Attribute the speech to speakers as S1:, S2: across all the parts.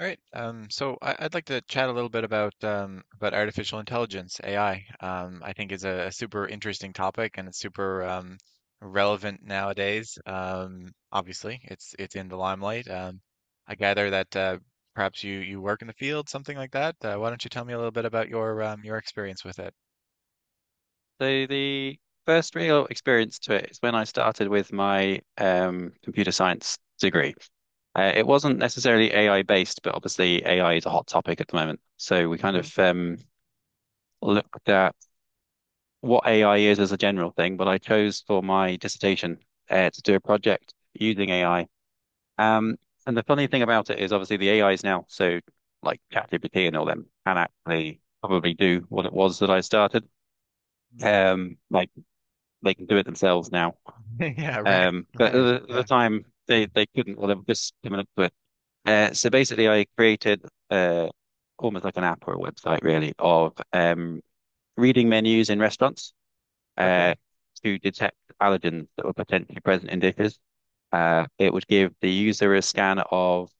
S1: All right. So I'd like to chat a little bit about artificial intelligence, AI. I think is a super interesting topic and it's super relevant nowadays. Obviously, it's in the limelight. I gather that perhaps you work in the field, something like that. Why don't you tell me a little bit about your experience with it?
S2: So the first real experience to it is when I started with my computer science degree. It wasn't necessarily AI based, but obviously AI is a hot topic at the moment. So we kind
S1: Hmm.
S2: of looked at what AI is as a general thing, but I chose for my dissertation to do a project using AI. Um, and the funny thing about it is obviously the A is now, so like ChatGPT and all them, can actually probably do what it was that I started. Like they can do it themselves now.
S1: Yeah. Right.
S2: But
S1: Right.
S2: at the,
S1: Yeah.
S2: time, they couldn't, well, they were just coming up to it. So basically, I created uh, almost like an app or a website, really, of reading menus in restaurants uh,
S1: Okay.
S2: to detect allergens that were potentially present in dishes. It would give the user a scan of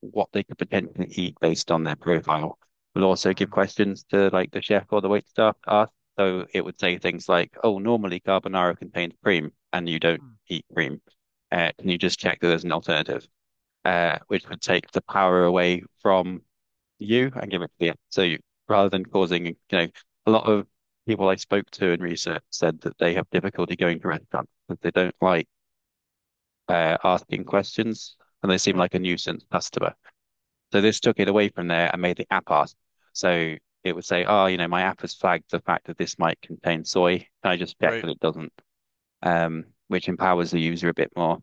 S2: what they could potentially eat based on their profile. We'll also give
S1: Mm,
S2: questions to like the chef or the waiter staff to ask. So it would say things like, "Oh, normally carbonara contains cream, and you don't
S1: mm,
S2: eat cream. Can you just check that there's an alternative?" Which would take the power away from you and give it to the app. So you, rather than causing, a lot of people I spoke to in research said that they have difficulty going to restaurants because they don't like asking questions, and they seem
S1: right.
S2: like a nuisance customer. So this took it away from there and made the app ask. So it would say, "Oh, you know, my app has flagged the fact that this might contain soy. Can I just check
S1: Right.
S2: that it doesn't?" Which empowers the user a bit more.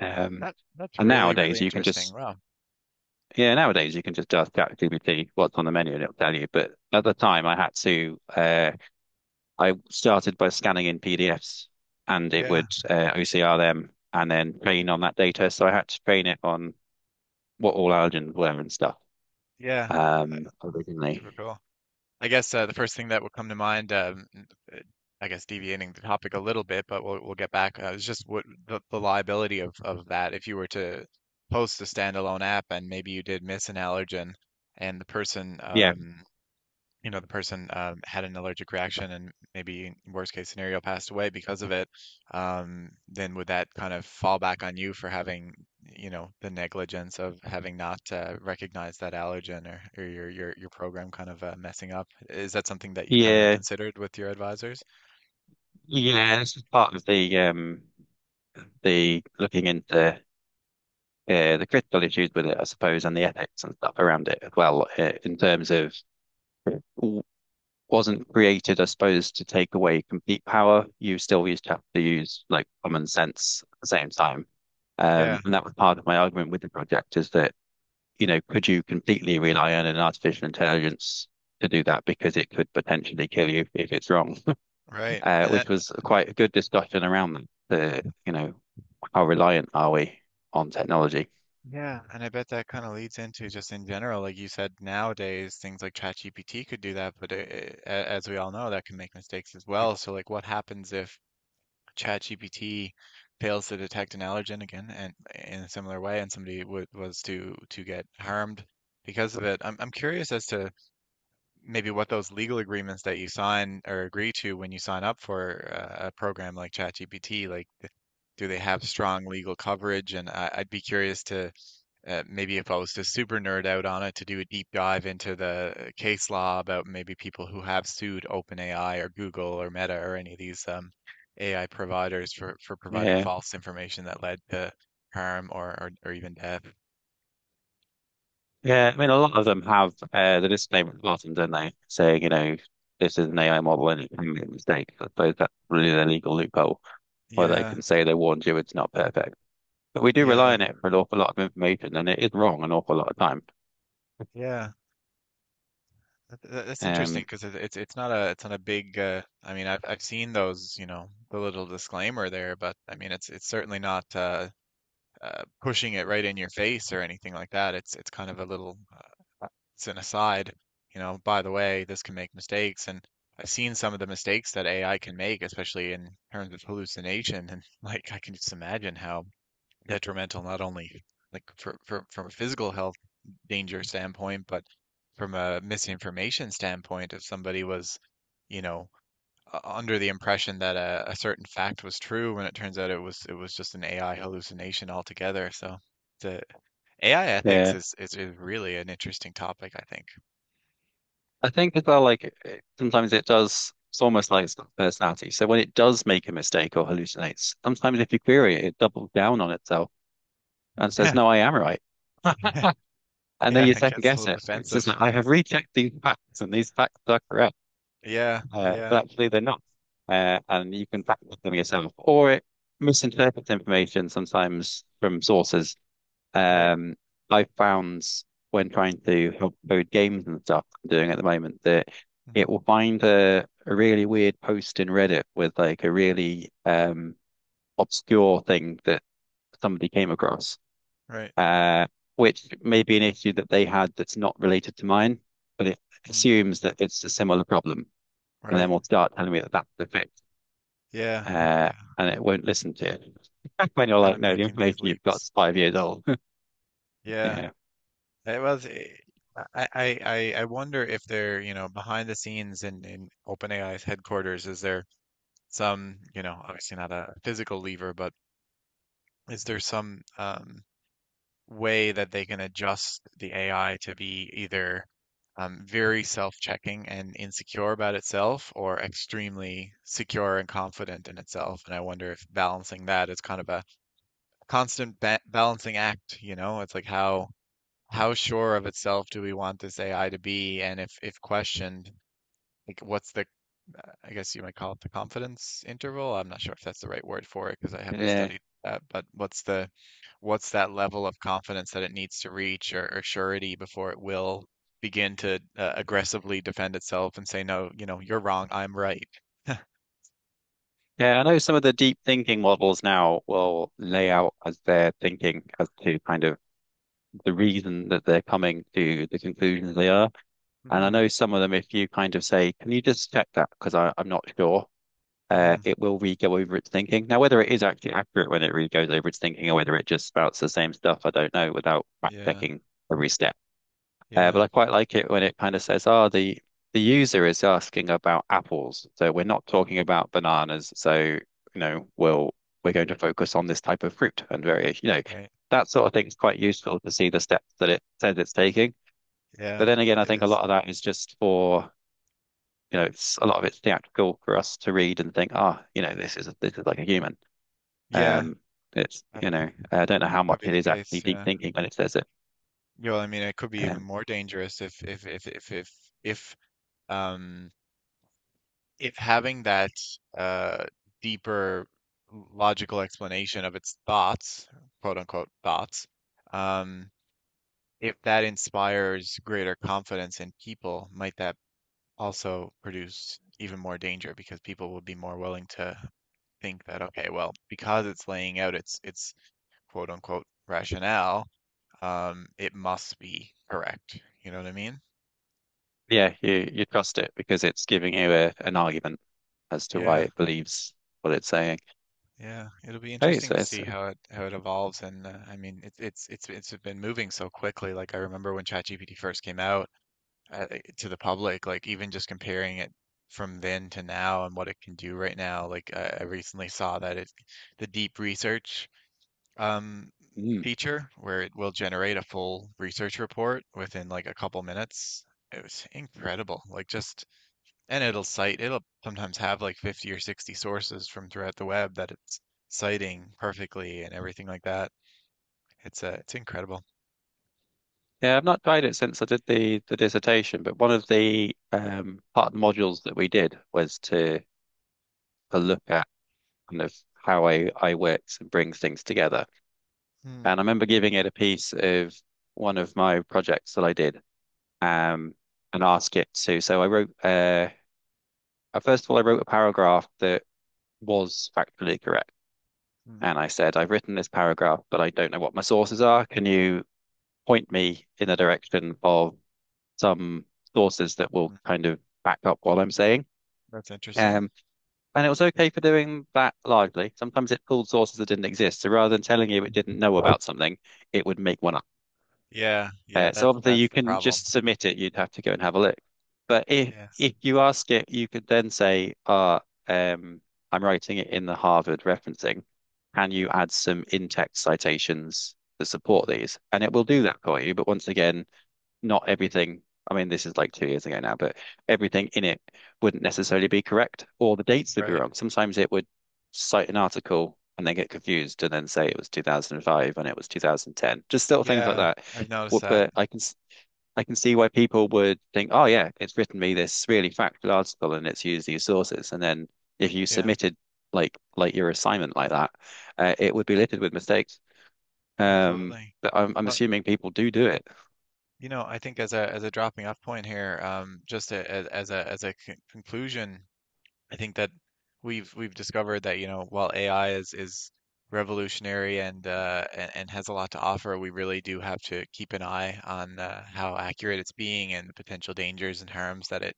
S2: Um,
S1: That that's
S2: And
S1: really really
S2: nowadays you can
S1: interesting.
S2: just,
S1: Wow.
S2: yeah, nowadays you can just ask ChatGPT what's on the menu and it'll tell you. But at the time I had to, I started by scanning in PDFs and it
S1: Yeah.
S2: would OCR them and then train on that data. So I had to train it on what all allergens were and stuff.
S1: Yeah. Super
S2: Originally,
S1: cool. I guess the first thing that will come to mind, uh, I guess deviating the topic a little bit, but we'll get back. Is just what the liability of that if you were to post a standalone app and maybe you did miss an allergen, and the person
S2: yeah,
S1: you know the person had an allergic reaction and maybe worst case scenario passed away because of it, then would that kind of fall back on you for having, you know, the negligence of having not recognized that allergen, or your program kind of messing up? Is that something that you kind of
S2: yeah,
S1: considered with your advisors?
S2: yeah. This is part of the the looking into the critical issues with it, I suppose, and the ethics and stuff around it as well. In terms of w- wasn't created, I suppose, to take away complete power. You still used to have to use like common sense at the same time.
S1: Yeah,
S2: And that was part of my argument with the project is that you know, could you completely rely on an artificial intelligence to do that because it could potentially kill you if it's wrong,
S1: right. And that,
S2: which was quite a good discussion around that. The, you know, how reliant are we on technology?
S1: yeah. And I bet that kind of leads into, just in general, like you said, nowadays things like ChatGPT could do that, but as we all know that can make mistakes as well. So like what happens if ChatGPT fails to detect an allergen again, and in a similar way, and somebody w was to get harmed because of it? I'm curious as to maybe what those legal agreements that you sign or agree to when you sign up for a program like ChatGPT, like, do they have strong legal coverage? And I'd be curious to maybe, if I was to super nerd out on it, to do a deep dive into the case law about maybe people who have sued OpenAI or Google or Meta or any of these AI providers for providing
S2: Yeah.
S1: false information that led to harm or even death.
S2: Yeah, I mean, a lot of them have the disclaimer at the bottom, don't they? Saying, you know, this is an AI model and it can make mistakes. I suppose that's really the legal loophole where they
S1: Yeah,
S2: can say they warned you it's not perfect. But we do rely
S1: yeah,
S2: on it for an awful lot of information and it is wrong an awful lot of time.
S1: yeah. That's interesting
S2: Um,
S1: because it's not a big. I mean, I've seen those, you know, the little disclaimer there. But I mean, it's certainly not pushing it right in your face or anything like that. It's kind of a little, it's an aside, you know, by the way, this can make mistakes. And I've seen some of the mistakes that AI can make, especially in terms of hallucination. And like, I can just imagine how detrimental, not only like from a physical health danger standpoint, but from a misinformation standpoint, if somebody was, you know, under the impression that a certain fact was true when it turns out it was just an AI hallucination altogether. So the AI ethics
S2: yeah.
S1: is, is really an interesting topic, I think.
S2: I think as well, like sometimes it does, it's almost like it's got personality. So when it does make a mistake or hallucinates, sometimes if you query it, it doubles down on itself and says, no, I am right. And then
S1: Yeah,
S2: you
S1: and it
S2: second
S1: gets a
S2: guess
S1: little
S2: it. It's just
S1: defensive.
S2: like, I have rechecked these facts and these facts are correct,
S1: Yeah, yeah,
S2: but actually they're not. And you can fact check them yourself. Or it misinterprets information sometimes from sources.
S1: right.
S2: Um, I found when trying to help code games and stuff I'm doing at the moment that
S1: Hmm.
S2: it will find a really weird post in Reddit with like a really obscure thing that somebody came across,
S1: Right.
S2: uh, which may be an issue that they had that's not related to mine, but it
S1: Mm,
S2: assumes that it's a similar problem, and then
S1: right.
S2: will start telling me that that's the fix,
S1: Yeah,
S2: uh,
S1: yeah.
S2: and it won't listen to it. When
S1: It's
S2: you're
S1: kind
S2: like,
S1: of
S2: no, the
S1: making these
S2: information you've got
S1: leaps.
S2: is 5 years old.
S1: Yeah.
S2: Yeah,
S1: It was I, I I wonder if they're, you know, behind the scenes in OpenAI's headquarters, is there some, you know, obviously not a physical lever, but is there some way that they can adjust the AI to be either very self-checking and insecure about itself, or extremely secure and confident in itself. And I wonder if balancing that is kind of a constant ba balancing act, you know? It's like, how sure of itself do we want this AI to be? And if questioned, like what's the, I guess you might call it the confidence interval. I'm not sure if that's the right word for it because I haven't
S2: yeah.
S1: studied that, but what's the, what's that level of confidence that it needs to reach, or surety, before it will begin to aggressively defend itself and say, no, you know, you're wrong, I'm right.
S2: Yeah, I know some of the deep thinking models now will lay out as they're thinking as to kind of the reason that they're coming to the conclusions they are. And I
S1: Hmm.
S2: know some of them, if you kind of say, can you just check that? Because I'm not sure,
S1: Hmm.
S2: it will re-go over its thinking. Now, whether it is actually accurate when it re-goes over its thinking or whether it just spouts the same stuff, I don't know without fact
S1: Yeah,
S2: checking every step. But
S1: yeah,
S2: I quite like it when it kind of says, "Oh, the user is asking about apples, so we're not talking about bananas. So you know, we're going to focus on this type of fruit and variation. You know,
S1: right.
S2: that sort of thing is quite useful to see the steps that it says it's taking. But
S1: Yeah,
S2: then again, I
S1: it
S2: think a
S1: is.
S2: lot of that is just for you know, it's a lot of it's theatrical for us to read and think, "Ah, oh, you know, this is like a human."
S1: Yeah,
S2: Um, it's
S1: that-
S2: you know, I don't know
S1: it
S2: how
S1: could
S2: much
S1: be
S2: it
S1: the
S2: is actually
S1: case,
S2: deep
S1: yeah.
S2: thinking when it says it.
S1: Yeah. Well, I mean, it could be even
S2: Um,
S1: more dangerous if um if having that uh, deeper logical explanation of its thoughts, quote unquote thoughts, um, if that inspires greater confidence in people, might that also produce even more danger because people will be more willing to think that, okay, well, because it's laying out its quote unquote rationale, it must be correct. You know what I mean?
S2: Yeah, you trust it because it's giving you an argument as to why
S1: Yeah.
S2: it believes what it's saying.
S1: Yeah, it'll be
S2: Hey,
S1: interesting
S2: so
S1: to
S2: it's,
S1: see how it evolves. And I mean, it's been moving so quickly. Like, I remember when ChatGPT first came out to the public, like, even just comparing it from then to now and what it can do right now. Like, I recently saw that it the deep research um
S2: mm.
S1: feature, where it will generate a full research report within like a couple minutes. It was incredible. Like, just, and it'll cite, it'll sometimes have like 50 or 60 sources from throughout the web that it's citing perfectly and everything like that. It's incredible.
S2: Yeah, I've not tried it since I did the dissertation, but one of the part of the modules that we did was to look at kind of how AI, works and brings things together.
S1: Hmm,
S2: And I remember giving it a piece of one of my projects that I did, um, and ask it to. So I wrote first of all, I wrote a paragraph that was factually correct.
S1: hmm,
S2: And I said, I've written this paragraph, but I don't know what my sources are. Can you point me in the direction of some sources that will
S1: hmm.
S2: kind of back up what I'm saying?
S1: That's interesting.
S2: Um, and it was okay for doing that largely. Sometimes it pulled sources that didn't exist. So rather than telling you it didn't know about something, it would make one up.
S1: Yeah, yeah,
S2: So obviously
S1: that's
S2: you
S1: the
S2: can
S1: problem.
S2: just submit it. You'd have to go and have a look. But
S1: Yeah.
S2: if you ask it, you could then say, "Ah, um, I'm writing it in the Harvard referencing. Can you add some in-text citations to support
S1: Hmm.
S2: these?" And it will do
S1: Hmm.
S2: that for you. But once again, not everything. I mean, this is like 2 years ago now, but everything in it wouldn't necessarily be correct, or the dates would be
S1: Right.
S2: wrong. Sometimes it would cite an article and then get confused and then say it was 2005 and it was 2010. Just little things like
S1: Yeah,
S2: that.
S1: I've
S2: Wh-
S1: noticed that.
S2: But I can s- I can see why people would think, oh yeah, it's written me this really factual article and it's used these sources. And then if you
S1: Yeah,
S2: submitted like your assignment like that, it would be littered with mistakes.
S1: absolutely.
S2: But I'm
S1: Well,
S2: assuming people do do it.
S1: you know, I think as a dropping off point here, just as a as a conclusion, I think that we've discovered that, you know, while AI is revolutionary, and has a lot to offer, we really do have to keep an eye on how accurate it's being, and the potential dangers and harms that it,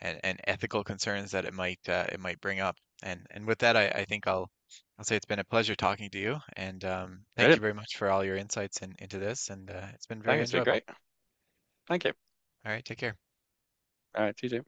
S1: and ethical concerns that it might, it might bring up. And with that, I think I'll say it's been a pleasure talking to you, and thank you
S2: Brilliant.
S1: very much for all your insights into this, and it's been
S2: Thank you.
S1: very
S2: It's been
S1: enjoyable.
S2: great. Thank you.
S1: All right, take care.
S2: All right, TJ.